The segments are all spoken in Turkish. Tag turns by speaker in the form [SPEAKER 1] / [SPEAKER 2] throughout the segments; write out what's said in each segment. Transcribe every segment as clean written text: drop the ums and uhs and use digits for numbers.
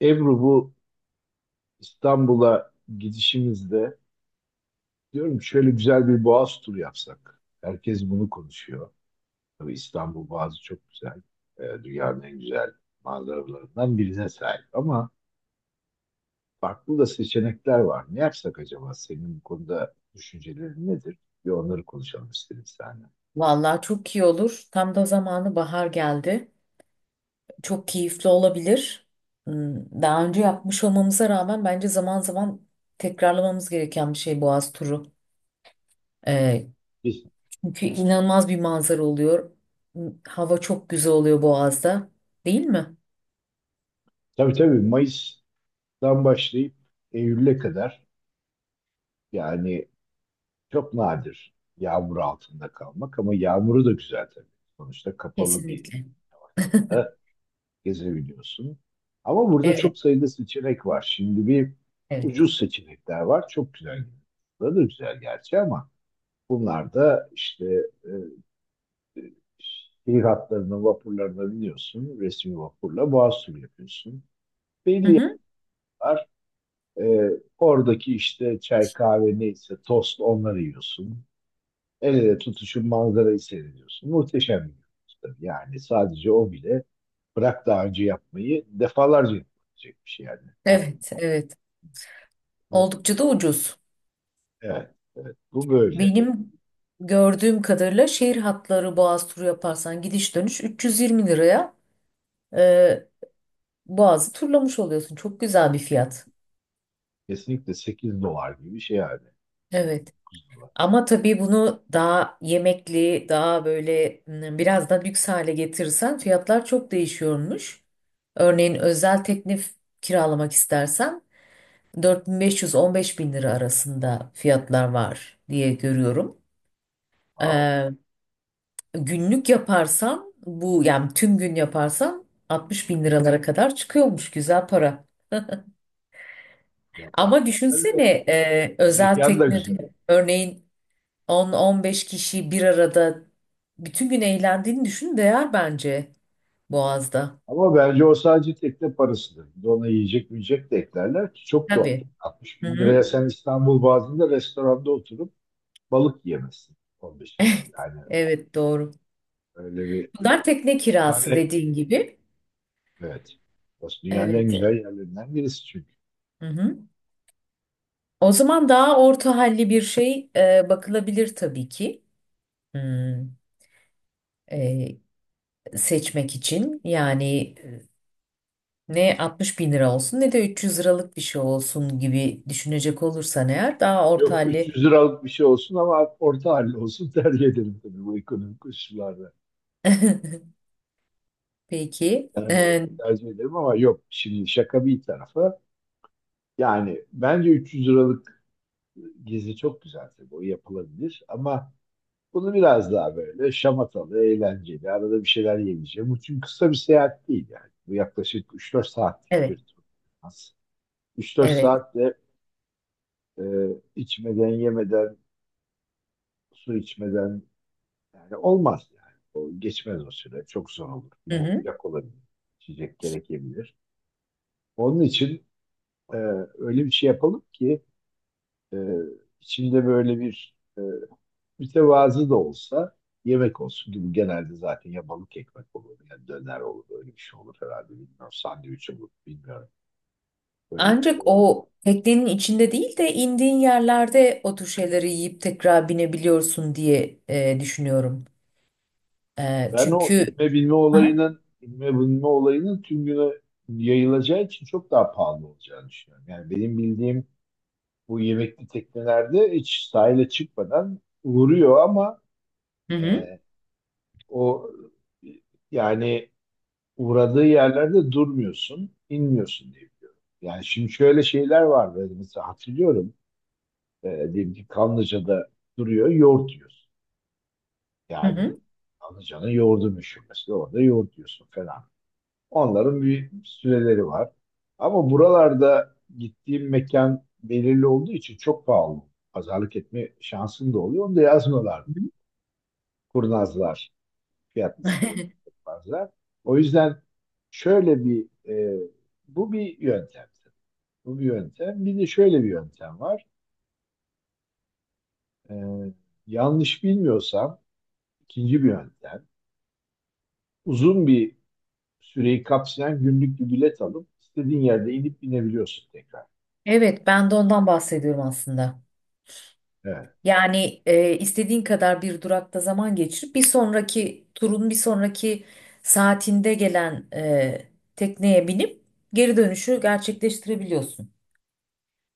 [SPEAKER 1] Ebru bu İstanbul'a gidişimizde diyorum şöyle güzel bir Boğaz turu yapsak. Herkes bunu konuşuyor. Tabii İstanbul Boğazı çok güzel. Dünyanın en güzel manzaralarından birine sahip. Ama farklı da seçenekler var. Ne yapsak acaba? Senin bu konuda düşüncelerin nedir? Bir onları konuşalım istedim seninle.
[SPEAKER 2] Vallahi çok iyi olur. Tam da zamanı bahar geldi. Çok keyifli olabilir. Daha önce yapmış olmamıza rağmen bence zaman zaman tekrarlamamız gereken bir şey Boğaz turu. Ee,
[SPEAKER 1] Biz,
[SPEAKER 2] çünkü inanılmaz bir manzara oluyor. Hava çok güzel oluyor Boğaz'da, değil mi?
[SPEAKER 1] tabii tabii, Mayıs'tan başlayıp Eylül'e kadar, yani çok nadir yağmur altında kalmak, ama yağmuru da güzel tabii. Sonuçta kapalı bir
[SPEAKER 2] Kesinlikle.
[SPEAKER 1] ortamda gezebiliyorsun. Ama burada
[SPEAKER 2] Evet,
[SPEAKER 1] çok sayıda seçenek var. Şimdi bir
[SPEAKER 2] evet.
[SPEAKER 1] ucuz seçenekler var. Çok güzel. Bunlar da güzel gerçi, ama bunlar da işte e, şehir hatlarına, vapurlarına biniyorsun. Resmi vapurla boğaz turu yapıyorsun. Belli
[SPEAKER 2] Hı
[SPEAKER 1] yerler
[SPEAKER 2] hı.
[SPEAKER 1] var. E, Oradaki işte çay kahve neyse tost, onları yiyorsun. El ele tutuşun manzarayı seyrediyorsun. Muhteşem bir görüntü. Yani sadece o bile, bırak daha önce yapmayı, defalarca yapılabilecek bir şey yani.
[SPEAKER 2] Evet, evet.
[SPEAKER 1] Şey-
[SPEAKER 2] Oldukça da ucuz.
[SPEAKER 1] evet, evet. Bu böyle.
[SPEAKER 2] Benim gördüğüm kadarıyla şehir hatları Boğaz turu yaparsan gidiş dönüş 320 liraya Ee, Boğaz'ı turlamış oluyorsun. Çok güzel bir fiyat.
[SPEAKER 1] Kesinlikle 8 dolar gibi bir şey yani.
[SPEAKER 2] Evet.
[SPEAKER 1] 8-9 dolar.
[SPEAKER 2] Ama tabii bunu daha yemekli, daha böyle biraz da lüks hale getirirsen fiyatlar çok değişiyormuş. Örneğin özel teknif kiralamak istersen 4500 bin beş yüz 15.000 lira arasında fiyatlar var diye görüyorum.
[SPEAKER 1] Wow.
[SPEAKER 2] Ee, günlük yaparsan bu yani tüm gün yaparsan 60 bin liralara kadar çıkıyormuş güzel para.
[SPEAKER 1] Yapar.
[SPEAKER 2] Ama
[SPEAKER 1] Yani
[SPEAKER 2] düşünsene özel
[SPEAKER 1] mekan da
[SPEAKER 2] teknede
[SPEAKER 1] güzel.
[SPEAKER 2] örneğin 10-15 kişi bir arada bütün gün eğlendiğini düşün, değer bence Boğaz'da.
[SPEAKER 1] Ama bence o sadece tekne parasıdır. Bir de ona yiyecek, de eklerler ki çok doğal.
[SPEAKER 2] Tabii.
[SPEAKER 1] altmış
[SPEAKER 2] Hı
[SPEAKER 1] bin liraya
[SPEAKER 2] hı.
[SPEAKER 1] sen İstanbul bazında restoranda oturup balık yiyemezsin. 10.000.
[SPEAKER 2] Evet,
[SPEAKER 1] Yani
[SPEAKER 2] evet, doğru.
[SPEAKER 1] öyle bir,
[SPEAKER 2] Bunlar tekne kirası
[SPEAKER 1] yani,
[SPEAKER 2] dediğin gibi.
[SPEAKER 1] evet. Burası dünyanın en
[SPEAKER 2] Evet.
[SPEAKER 1] güzel yerlerinden birisi çünkü.
[SPEAKER 2] Hı hı. O zaman daha orta halli bir şey bakılabilir tabii ki. Hmm, e, seçmek için yani ne 60 bin lira olsun ne de 300 liralık bir şey olsun gibi düşünecek olursan eğer, daha orta
[SPEAKER 1] Yok,
[SPEAKER 2] halli.
[SPEAKER 1] 300, evet, liralık bir şey olsun ama orta halli olsun tercih ederim tabii bu ekonomik koşullarda.
[SPEAKER 2] Peki.
[SPEAKER 1] Yani öyle
[SPEAKER 2] E,
[SPEAKER 1] tercih ederim ama yok, şimdi şaka bir tarafa. Yani bence 300 liralık gezi çok güzel, tabii o yapılabilir, ama bunu biraz daha böyle şamatalı, eğlenceli, arada bir şeyler yemeyeceğim. Bu çünkü kısa bir seyahat değil yani. Bu yaklaşık 3-4 saatlik bir
[SPEAKER 2] evet.
[SPEAKER 1] tur. Az. üç dört
[SPEAKER 2] Evet.
[SPEAKER 1] saatte e, içmeden, yemeden, su içmeden, yani olmaz yani. O geçmez o süre. Çok zor olur. Bir
[SPEAKER 2] Hı
[SPEAKER 1] de
[SPEAKER 2] hı.
[SPEAKER 1] sıcak olabilir. İçecek gerekebilir. Onun için e, öyle bir şey yapalım ki e, içinde böyle bir mütevazı da olsa yemek olsun gibi. Genelde zaten ya balık ekmek olur ya döner olur. Öyle bir şey olur herhalde. Bilmiyorum. Sandviç olur. Bilmiyorum. Böyle bir şey
[SPEAKER 2] Ancak
[SPEAKER 1] olabilir.
[SPEAKER 2] o teknenin içinde değil de indiğin yerlerde o tür şeyleri yiyip tekrar binebiliyorsun diye düşünüyorum. E,
[SPEAKER 1] Ben o
[SPEAKER 2] çünkü Aha.
[SPEAKER 1] inme bilme olayının tüm güne yayılacağı için çok daha pahalı olacağını düşünüyorum. Yani benim bildiğim, bu yemekli teknelerde hiç sahile çıkmadan vuruyor, ama
[SPEAKER 2] Hı hı.
[SPEAKER 1] e, o yani uğradığı yerlerde durmuyorsun, inmiyorsun diye biliyorum. Yani şimdi şöyle şeyler var böyle mesela hatırlıyorum. Diyelim ki Kanlıca'da duruyor, yoğurt yiyorsun.
[SPEAKER 2] Hı
[SPEAKER 1] Yani
[SPEAKER 2] hı.
[SPEAKER 1] Kanlıca'nın yoğurdu meşhur mesela, orada yoğurt yiyorsun falan. Onların bir süreleri var. Ama buralarda gittiğim mekan belirli olduğu için çok pahalı. Pazarlık etme şansın da oluyor. Onu da yazmıyorlar.
[SPEAKER 2] Hı hı.
[SPEAKER 1] Kurnazlar. Fiyat listeleri yapmazlar. O yüzden şöyle bir bu bir yöntem. Bu bir yöntem. Bir de şöyle bir yöntem var. E, Yanlış bilmiyorsam ikinci bir yöntem. Uzun bir süreyi kapsayan günlük bir bilet alıp istediğin yerde inip binebiliyorsun tekrar.
[SPEAKER 2] Evet, ben de ondan bahsediyorum aslında.
[SPEAKER 1] Evet.
[SPEAKER 2] Yani istediğin kadar bir durakta zaman geçirip bir sonraki turun bir sonraki saatinde gelen tekneye binip geri dönüşü gerçekleştirebiliyorsun.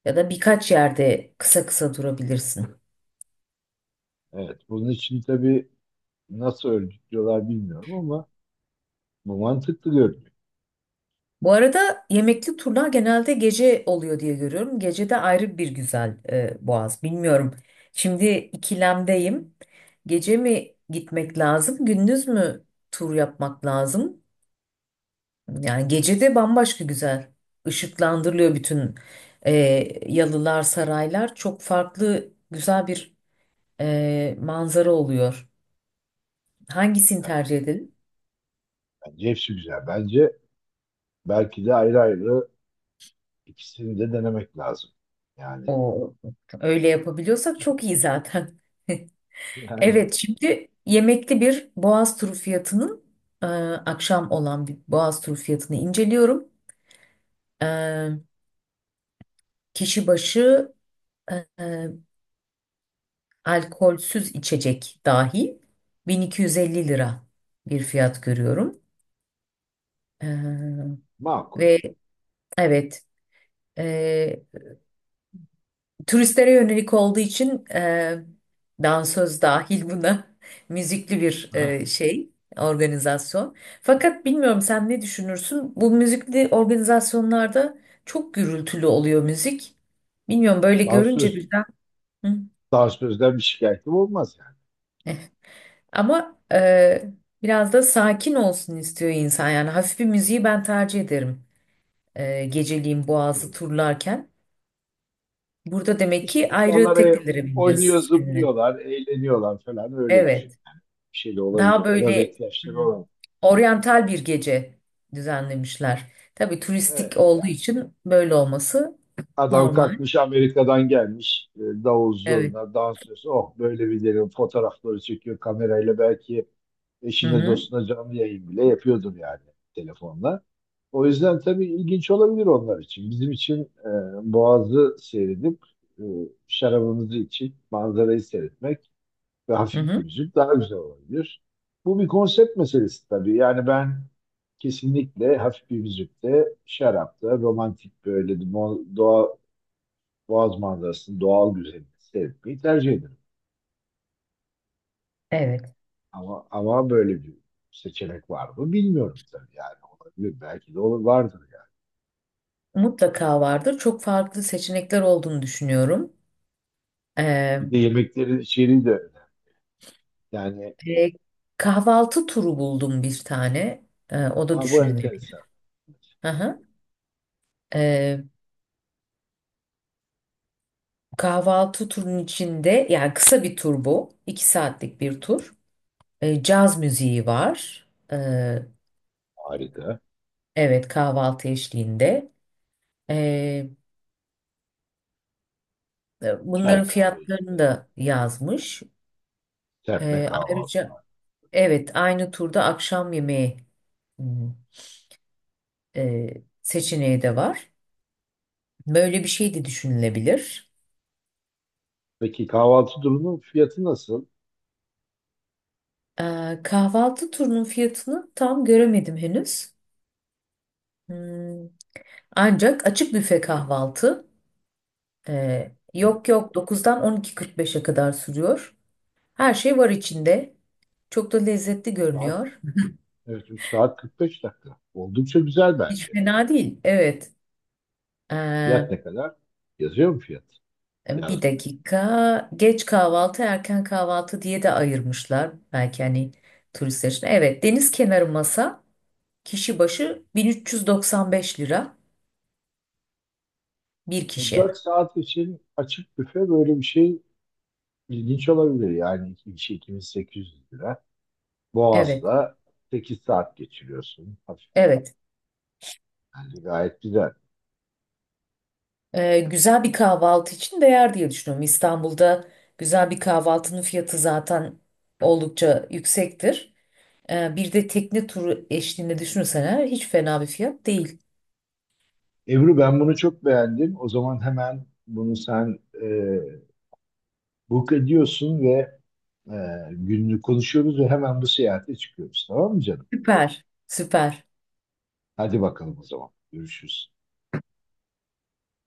[SPEAKER 2] Ya da birkaç yerde kısa kısa durabilirsin.
[SPEAKER 1] Evet, bunun için tabii nasıl örgütlüyorlar bilmiyorum ama bu mantıklı görünüyor.
[SPEAKER 2] Bu arada yemekli turlar genelde gece oluyor diye görüyorum. Gece de ayrı bir güzel Boğaz. Bilmiyorum. Şimdi ikilemdeyim. Gece mi gitmek lazım, gündüz mü tur yapmak lazım? Yani gece de bambaşka güzel. Işıklandırılıyor bütün e, yalılar, saraylar. Çok farklı güzel bir manzara oluyor. Hangisini
[SPEAKER 1] Yani
[SPEAKER 2] tercih edelim?
[SPEAKER 1] bence hepsi güzel. Bence belki de ayrı ayrı ikisini de denemek lazım. Yani
[SPEAKER 2] O öyle yapabiliyorsak çok iyi zaten.
[SPEAKER 1] yani
[SPEAKER 2] Evet, şimdi yemekli bir Boğaz turu fiyatının akşam olan bir Boğaz turu fiyatını inceliyorum. E, kişi başı e, e, alkolsüz içecek dahi 1250 lira bir fiyat görüyorum. E,
[SPEAKER 1] makul.
[SPEAKER 2] ve evet, turistlere yönelik olduğu için dansöz dahil buna müzikli bir
[SPEAKER 1] Ha.
[SPEAKER 2] şey, organizasyon. Fakat bilmiyorum, sen ne düşünürsün? Bu müzikli organizasyonlarda çok gürültülü oluyor müzik. Bilmiyorum, böyle görünce
[SPEAKER 1] Dansöz,
[SPEAKER 2] birden. Hı.
[SPEAKER 1] Dansözden bir şikayetim olmaz yani.
[SPEAKER 2] Ama biraz da sakin olsun istiyor insan. Yani hafif bir müziği ben tercih ederim. Geceliğin Boğazı
[SPEAKER 1] Evet.
[SPEAKER 2] turlarken. Burada demek
[SPEAKER 1] İşte
[SPEAKER 2] ki ayrı
[SPEAKER 1] insanlar
[SPEAKER 2] teknelere
[SPEAKER 1] oynuyor,
[SPEAKER 2] bineceğiz seninle.
[SPEAKER 1] zıplıyorlar, eğleniyorlar falan, öyle düşün.
[SPEAKER 2] Evet.
[SPEAKER 1] Bir şey de
[SPEAKER 2] Daha
[SPEAKER 1] olabilir. Buna da
[SPEAKER 2] böyle
[SPEAKER 1] ihtiyaçları
[SPEAKER 2] hmm,
[SPEAKER 1] olan.
[SPEAKER 2] oryantal bir gece düzenlemişler. Tabii turistik
[SPEAKER 1] Evet.
[SPEAKER 2] olduğu için böyle olması
[SPEAKER 1] Adam
[SPEAKER 2] normal.
[SPEAKER 1] kalkmış Amerika'dan gelmiş. Davul
[SPEAKER 2] Evet.
[SPEAKER 1] zurna, dansöz. Oh, böyle videonun fotoğrafları çekiyor kamerayla. Belki
[SPEAKER 2] Hı
[SPEAKER 1] eşine
[SPEAKER 2] hı.
[SPEAKER 1] dostuna canlı yayın bile yapıyordur yani telefonla. O yüzden tabii ilginç olabilir onlar için. Bizim için Boğaz'ı seyredip e, şarabımızı içip manzarayı seyretmek ve
[SPEAKER 2] Hı
[SPEAKER 1] hafif bir
[SPEAKER 2] hı.
[SPEAKER 1] müzik daha güzel olabilir. Bu bir konsept meselesi tabii. Yani ben kesinlikle hafif bir müzikte, şarapta, romantik, böyle doğa Boğaz manzarasının doğal güzelliğini seyretmeyi tercih ederim.
[SPEAKER 2] Evet.
[SPEAKER 1] Ama böyle bir seçenek var mı bilmiyorum tabii, yani olabilir, belki de olur, vardır yani.
[SPEAKER 2] Mutlaka vardır. Çok farklı seçenekler olduğunu düşünüyorum.
[SPEAKER 1] Bir
[SPEAKER 2] Ee,
[SPEAKER 1] de yemeklerin içeriği de önemli. Yani
[SPEAKER 2] e, kahvaltı turu buldum bir tane. O da
[SPEAKER 1] ha, bu enteresan.
[SPEAKER 2] düşünülebilir. Hı hı. Ee, kahvaltı turunun içinde, yani kısa bir tur bu. 2 saatlik bir tur. Caz müziği var. Ee,
[SPEAKER 1] Harika.
[SPEAKER 2] Evet, kahvaltı eşliğinde. Ee, bunların
[SPEAKER 1] Çay kahve
[SPEAKER 2] fiyatlarını
[SPEAKER 1] işte.
[SPEAKER 2] da
[SPEAKER 1] Yani
[SPEAKER 2] yazmış.
[SPEAKER 1] serpme
[SPEAKER 2] Ee,
[SPEAKER 1] kahvaltı.
[SPEAKER 2] ayrıca evet, aynı turda akşam yemeği hmm, seçeneği de var. Böyle bir şey de düşünülebilir.
[SPEAKER 1] Peki kahvaltı durumu fiyatı nasıl?
[SPEAKER 2] Kahvaltı turunun fiyatını tam göremedim henüz. Hmm, ancak açık büfe kahvaltı
[SPEAKER 1] Evet.
[SPEAKER 2] yok, yok, 9'dan 12.45'e kadar sürüyor. Her şey var içinde. Çok da lezzetli
[SPEAKER 1] üç Saat,
[SPEAKER 2] görünüyor.
[SPEAKER 1] evet, 3 saat 45 dakika. Oldukça güzel
[SPEAKER 2] Hiç
[SPEAKER 1] bence.
[SPEAKER 2] fena değil. Evet.
[SPEAKER 1] Fiyat
[SPEAKER 2] Ee,
[SPEAKER 1] ne kadar? Yazıyor mu fiyat?
[SPEAKER 2] bir
[SPEAKER 1] Yazmıyor.
[SPEAKER 2] dakika. Geç kahvaltı, erken kahvaltı diye de ayırmışlar. Belki hani turistler için. Evet, deniz kenarı masa kişi başı 1395 lira bir kişi.
[SPEAKER 1] Dört saat için açık büfe böyle bir şey. İlginç olabilir yani, iki kişi 2800 lira.
[SPEAKER 2] Evet.
[SPEAKER 1] Boğaz'da 8 saat geçiriyorsun. Hafif
[SPEAKER 2] Evet.
[SPEAKER 1] yani gayet güzel.
[SPEAKER 2] Güzel bir kahvaltı için değer diye düşünüyorum. İstanbul'da güzel bir kahvaltının fiyatı zaten oldukça yüksektir. Bir de tekne turu eşliğinde düşünürsen eğer, hiç fena bir fiyat değil.
[SPEAKER 1] Ebru ben bunu çok beğendim. O zaman hemen bunu sen book ediyorsun ve e, gününü konuşuyoruz ve hemen bu seyahate çıkıyoruz. Tamam mı canım?
[SPEAKER 2] Süper, süper.
[SPEAKER 1] Hadi bakalım o zaman. Görüşürüz.